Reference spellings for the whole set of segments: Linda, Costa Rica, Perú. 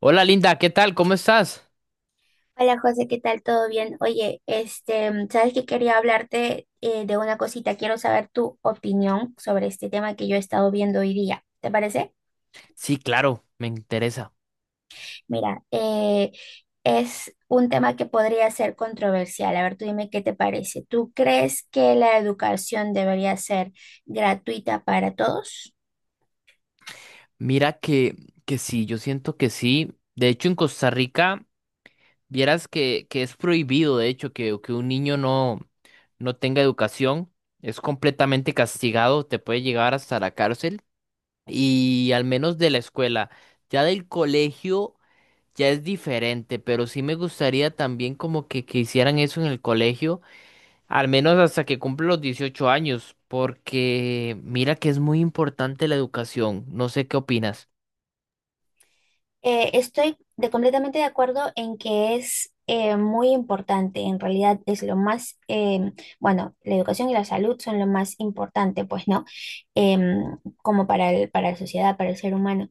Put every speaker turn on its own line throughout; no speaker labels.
Hola Linda, ¿qué tal? ¿Cómo estás?
Hola José, ¿qué tal? ¿Todo bien? Oye, sabes que quería hablarte de una cosita. Quiero saber tu opinión sobre este tema que yo he estado viendo hoy día. ¿Te parece?
Sí, claro, me interesa.
Mira, es un tema que podría ser controversial. A ver, tú dime qué te parece. ¿Tú crees que la educación debería ser gratuita para todos?
Mira que sí, yo siento que sí. De hecho, en Costa Rica, vieras que es prohibido, de hecho, que un niño no tenga educación. Es completamente castigado, te puede llegar hasta la cárcel. Y al menos de la escuela. Ya del colegio ya es diferente, pero sí me gustaría también como que hicieran eso en el colegio. Al menos hasta que cumple los 18 años, porque mira que es muy importante la educación. No sé qué opinas.
Completamente de acuerdo en que es muy importante. En realidad es lo más, bueno, la educación y la salud son lo más importante, pues, ¿no? Como para para la sociedad, para el ser humano.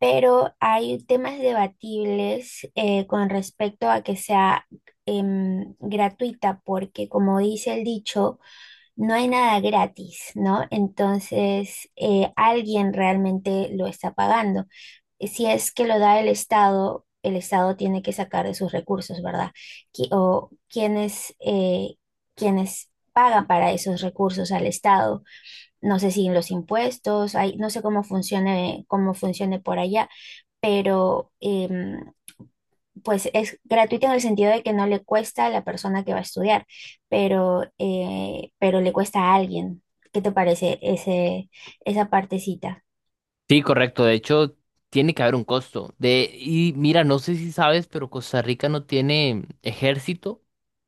Pero hay temas debatibles con respecto a que sea gratuita, porque como dice el dicho, no hay nada gratis, ¿no? Entonces, alguien realmente lo está pagando. Si es que lo da el Estado tiene que sacar de sus recursos, ¿verdad? O quienes, quienes pagan para esos recursos al Estado. No sé si en los impuestos, hay, no sé cómo funcione por allá, pero pues es gratuito en el sentido de que no le cuesta a la persona que va a estudiar, pero le cuesta a alguien. ¿Qué te parece esa partecita?
Sí, correcto. De hecho, tiene que haber un costo. Y mira, no sé si sabes, pero Costa Rica no tiene ejército,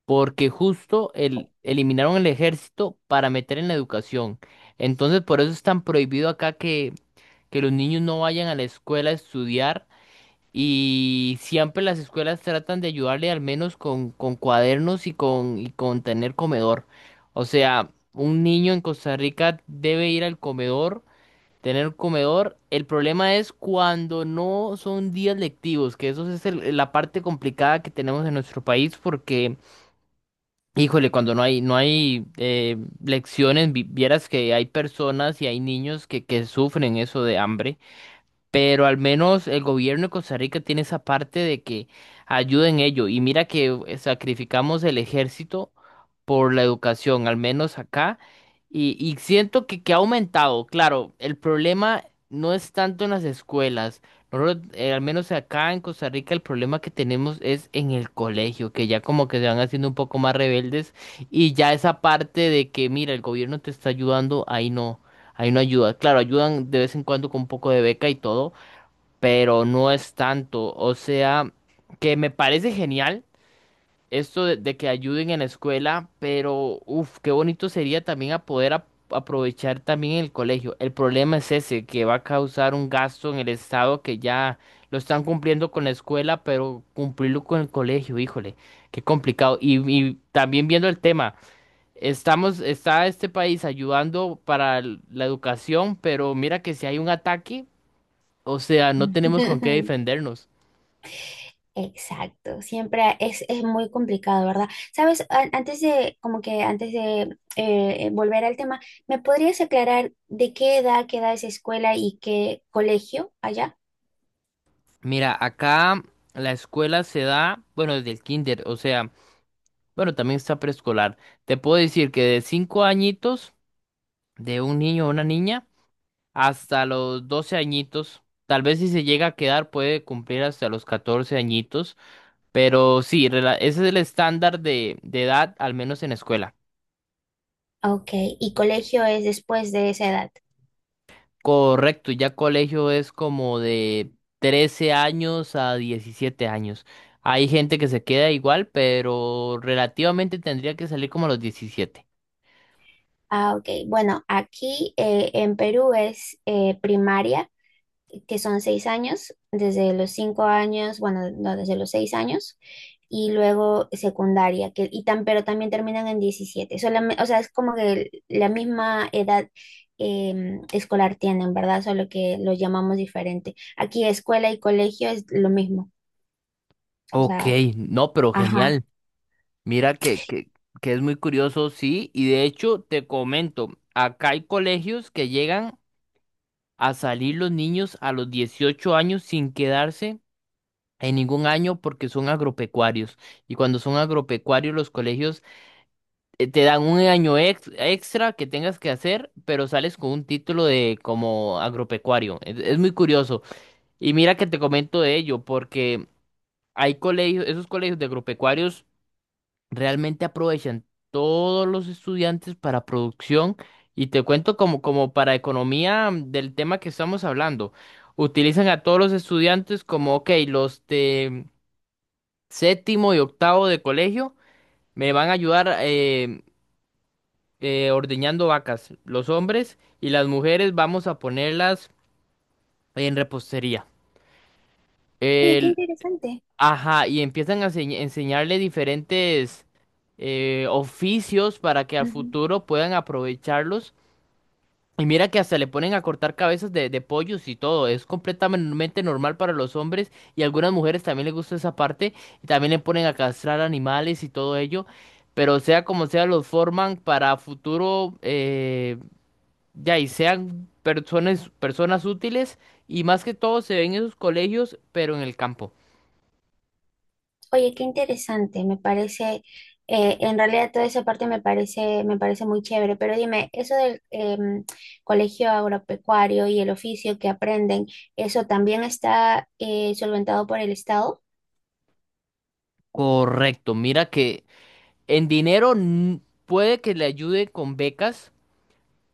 porque justo eliminaron el ejército para meter en la educación. Entonces, por eso es tan prohibido acá que los niños no vayan a la escuela a estudiar. Y siempre las escuelas tratan de ayudarle al menos con cuadernos y con tener comedor. O sea, un niño en Costa Rica debe ir al comedor, tener comedor. El problema es cuando no son días lectivos, que eso es el- la parte complicada que tenemos en nuestro país porque, híjole, cuando no hay lecciones, vieras que hay personas y hay niños que sufren eso de hambre, pero al menos el gobierno de Costa Rica tiene esa parte de que ayuda en ello. Y mira que sacrificamos el ejército por la educación, al menos acá, y siento que ha aumentado. Claro, el problema no es tanto en las escuelas. Nosotros, al menos acá en Costa Rica, el problema que tenemos es en el colegio, que ya como que se van haciendo un poco más rebeldes y ya esa parte de que, mira, el gobierno te está ayudando, ahí no. Ahí no ayuda. Claro, ayudan de vez en cuando con un poco de beca y todo, pero no es tanto. O sea, que me parece genial esto de que ayuden en la escuela, pero uff, qué bonito sería también a poder aprovechar también el colegio. El problema es ese, que va a causar un gasto en el estado que ya lo están cumpliendo con la escuela, pero cumplirlo con el colegio, híjole, qué complicado. Y también viendo el tema. Estamos, está este país ayudando para l- la educación, pero mira que si hay un ataque, o sea, no tenemos con qué defendernos.
Exacto, siempre es muy complicado, ¿verdad? Sabes, antes de, como que antes de volver al tema, ¿me podrías aclarar de qué edad queda esa escuela y qué colegio allá?
Mira, acá la escuela se da, bueno, desde el kinder, o sea, bueno, también está preescolar. Te puedo decir que de 5 añitos de un niño o una niña hasta los 12 añitos, tal vez si se llega a quedar puede cumplir hasta los 14 añitos, pero sí, rela- ese es el estándar de edad, al menos en escuela.
Ok, y colegio es después de esa edad.
Correcto, ya colegio es como de 13 años a 17 años. Hay gente que se queda igual, pero relativamente tendría que salir como a los 17.
Ah, ok, bueno, aquí en Perú es primaria, que son 6 años, desde los 5 años, bueno, no, desde los 6 años, y luego secundaria, que, y tan, pero también terminan en 17. O sea, es como que la misma edad escolar tienen, ¿verdad? Solo que lo llamamos diferente. Aquí escuela y colegio es lo mismo. O
Ok,
sea,
no, pero
ajá.
genial. Mira que es muy curioso, sí. Y de hecho, te comento, acá hay colegios que llegan a salir los niños a los 18 años sin quedarse en ningún año porque son agropecuarios. Y cuando son agropecuarios, los colegios te dan un año extra que tengas que hacer, pero sales con un título de como agropecuario. Es muy curioso. Y mira que te comento de ello, porque hay colegios, esos colegios de agropecuarios realmente aprovechan todos los estudiantes para producción. Y te cuento como, como para economía del tema que estamos hablando. Utilizan a todos los estudiantes como, ok, los de séptimo y octavo de colegio me van a ayudar. Ordeñando vacas, los hombres y las mujeres vamos a ponerlas en repostería.
Oye, qué
El-
interesante.
ajá, y empiezan a enseñarle diferentes oficios para que al futuro puedan aprovecharlos. Y mira que hasta le ponen a cortar cabezas de pollos y todo. Es completamente normal para los hombres y a algunas mujeres también les gusta esa parte. Y también le ponen a castrar animales y todo ello. Pero sea como sea, los forman para futuro. De ahí sean personas, personas útiles y más que todo se ven en esos colegios, pero en el campo.
Oye, qué interesante, me parece, en realidad toda esa parte me parece muy chévere, pero dime, eso del colegio agropecuario y el oficio que aprenden, ¿eso también está solventado por el Estado?
Correcto, mira que en dinero puede que le ayude con becas,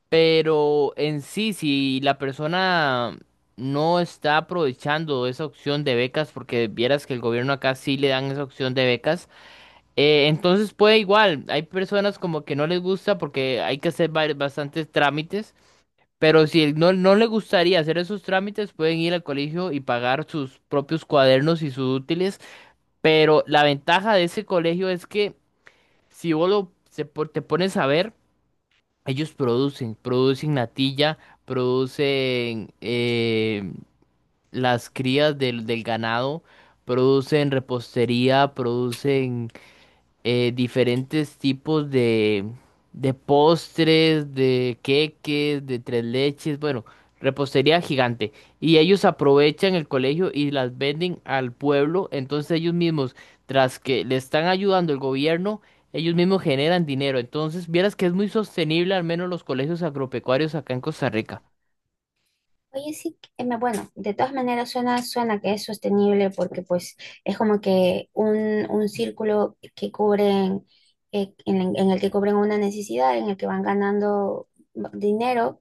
pero en sí, si la persona no está aprovechando esa opción de becas, porque vieras que el gobierno acá sí le dan esa opción de becas, entonces puede igual, hay personas como que no les gusta porque hay que hacer bastantes trámites. Pero si no, no le gustaría hacer esos trámites, pueden ir al colegio y pagar sus propios cuadernos y sus útiles. Pero la ventaja de ese colegio es que si vos lo- se po- te pones a ver, ellos producen, producen natilla, producen las crías del ganado, producen repostería, producen diferentes tipos de postres, de queques, de tres leches, bueno, repostería gigante. Y ellos aprovechan el colegio y las venden al pueblo, entonces ellos mismos, tras que le están ayudando el gobierno, ellos mismos generan dinero. Entonces, vieras que es muy sostenible, al menos los colegios agropecuarios acá en Costa Rica.
Oye, sí, bueno, de todas maneras suena, suena que es sostenible, porque pues es como que un círculo que cubren, en el que cubren una necesidad, en el que van ganando dinero.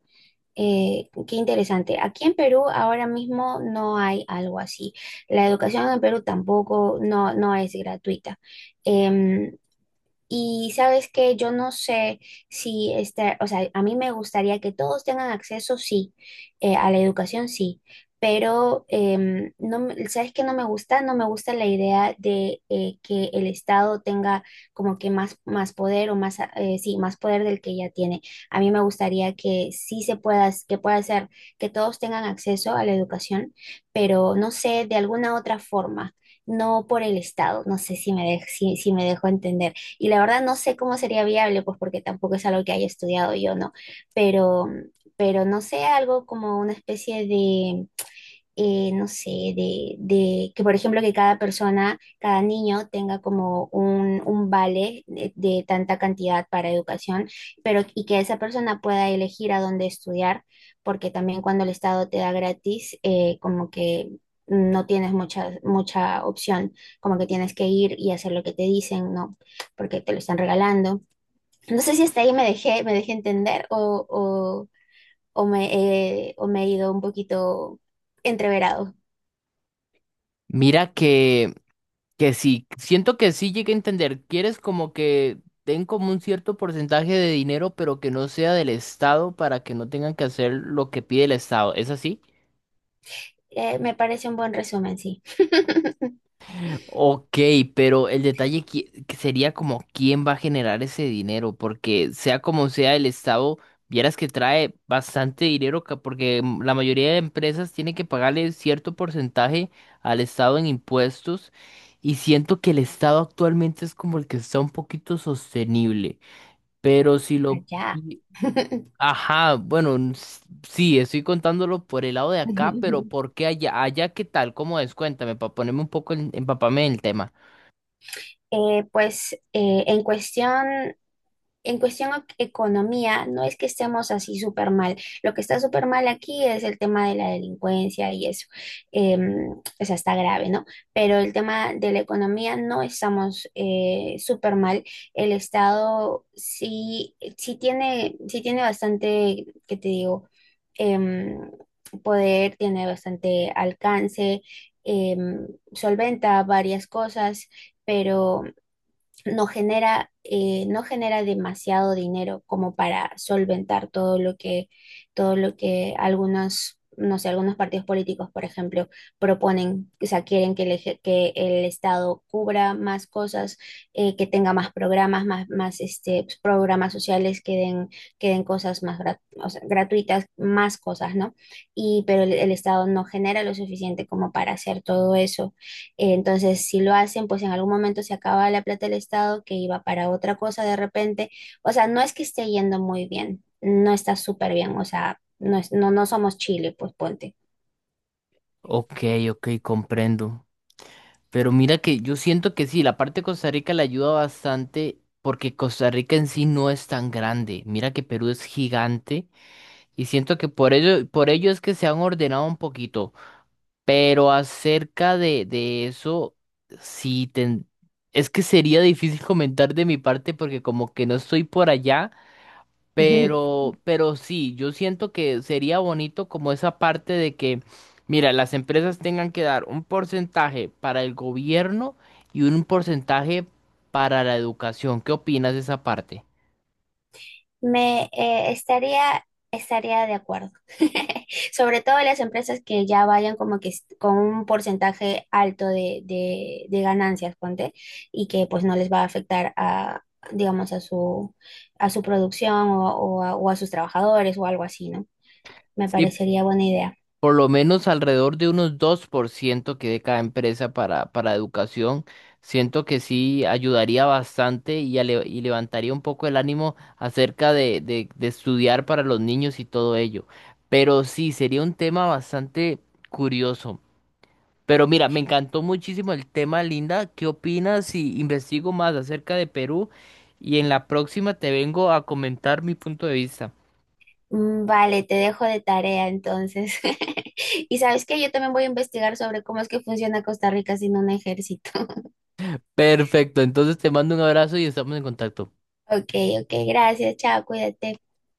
Qué interesante. Aquí en Perú ahora mismo no hay algo así. La educación en Perú tampoco no, no es gratuita. Em, y sabes que yo no sé si este, o sea, a mí me gustaría que todos tengan acceso, sí, a la educación, sí, pero no, sabes que no me gusta, no me gusta la idea de que el Estado tenga como que más, más poder o más, sí, más poder del que ya tiene. A mí me gustaría que sí se pueda, que pueda ser, que todos tengan acceso a la educación, pero no sé, de alguna otra forma, no por el Estado, no sé si me dejo, si me dejo entender. Y la verdad no sé cómo sería viable, pues porque tampoco es algo que haya estudiado yo, ¿no? Pero, pero no sé, algo como una especie de no sé, de que por ejemplo que cada persona, cada niño tenga como un vale de tanta cantidad para educación, pero y que esa persona pueda elegir a dónde estudiar, porque también cuando el Estado te da gratis, como que no tienes mucha, mucha opción, como que tienes que ir y hacer lo que te dicen, ¿no? Porque te lo están regalando. No sé si hasta ahí me dejé entender o me, o me he ido un poquito entreverado.
Mira que sí, siento que sí llegué a entender. Quieres como que den como un cierto porcentaje de dinero, pero que no sea del Estado para que no tengan que hacer lo que pide el Estado. ¿Es así?
Me parece un buen resumen, sí.
Ok, pero el detalle que sería como quién va a generar ese dinero, porque sea como sea el Estado, vieras que trae bastante dinero, porque la mayoría de empresas tiene que pagarle cierto porcentaje al Estado en impuestos, y siento que el Estado actualmente es como el que está un poquito sostenible. Pero si lo...
Allá.
pi- Ajá, bueno, sí, estoy contándolo por el lado de acá, pero ¿por qué allá? Allá, ¿qué tal? ¿Cómo es? Cuéntame, para ponerme un poco empaparme en el tema.
Eh, pues eh, en cuestión En cuestión economía, no es que estemos así súper mal. Lo que está súper mal aquí es el tema de la delincuencia y eso. Em, o sea, está grave, ¿no? Pero el tema de la economía no estamos súper mal. El Estado sí, sí tiene bastante, ¿qué te digo? Em, Poder, tiene bastante alcance, em, solventa varias cosas, pero no genera, no genera demasiado dinero como para solventar todo lo todo lo que algunos, no sé, algunos partidos políticos, por ejemplo, proponen. O sea, quieren que que el Estado cubra más cosas, que tenga más programas, más este, pues, programas sociales, que den cosas más o sea, gratuitas, más cosas, ¿no? Y, pero el Estado no genera lo suficiente como para hacer todo eso. Entonces, si lo hacen, pues en algún momento se acaba la plata del Estado que iba para otra cosa de repente. O sea, no es que esté yendo muy bien, no está súper bien, o sea, no, no somos Chile, pues ponte.
Ok, ok, comprendo. Pero mira que yo siento que sí, la parte de Costa Rica le ayuda bastante porque Costa Rica en sí no es tan grande. Mira que Perú es gigante y siento que por ello, por ello, es que se han ordenado un poquito. Pero acerca de eso, sí, es que sería difícil comentar de mi parte porque como que no estoy por allá,
Jajaja.
pero sí, yo siento que sería bonito como esa parte de que, mira, las empresas tengan que dar un porcentaje para el gobierno y un porcentaje para la educación. ¿Qué opinas de esa parte?
Estaría de acuerdo. Sobre todo las empresas que ya vayan como que con un porcentaje alto de, de ganancias, ponte, y que pues no les va a afectar a, digamos, a su producción o a sus trabajadores o algo así, ¿no? Me
Sí,
parecería buena idea.
por lo menos alrededor de unos 2% que de cada empresa para educación. Siento que sí ayudaría bastante y levantaría un poco el ánimo acerca de estudiar para los niños y todo ello. Pero sí, sería un tema bastante curioso. Pero mira, me encantó muchísimo el tema, Linda. ¿Qué opinas si investigo más acerca de Perú? Y en la próxima te vengo a comentar mi punto de vista.
Mm, vale, te dejo de tarea entonces. Y sabes que yo también voy a investigar sobre cómo es que funciona Costa Rica sin un ejército.
Perfecto, entonces te mando un abrazo y estamos en contacto.
Ok, ok, gracias, chao, cuídate.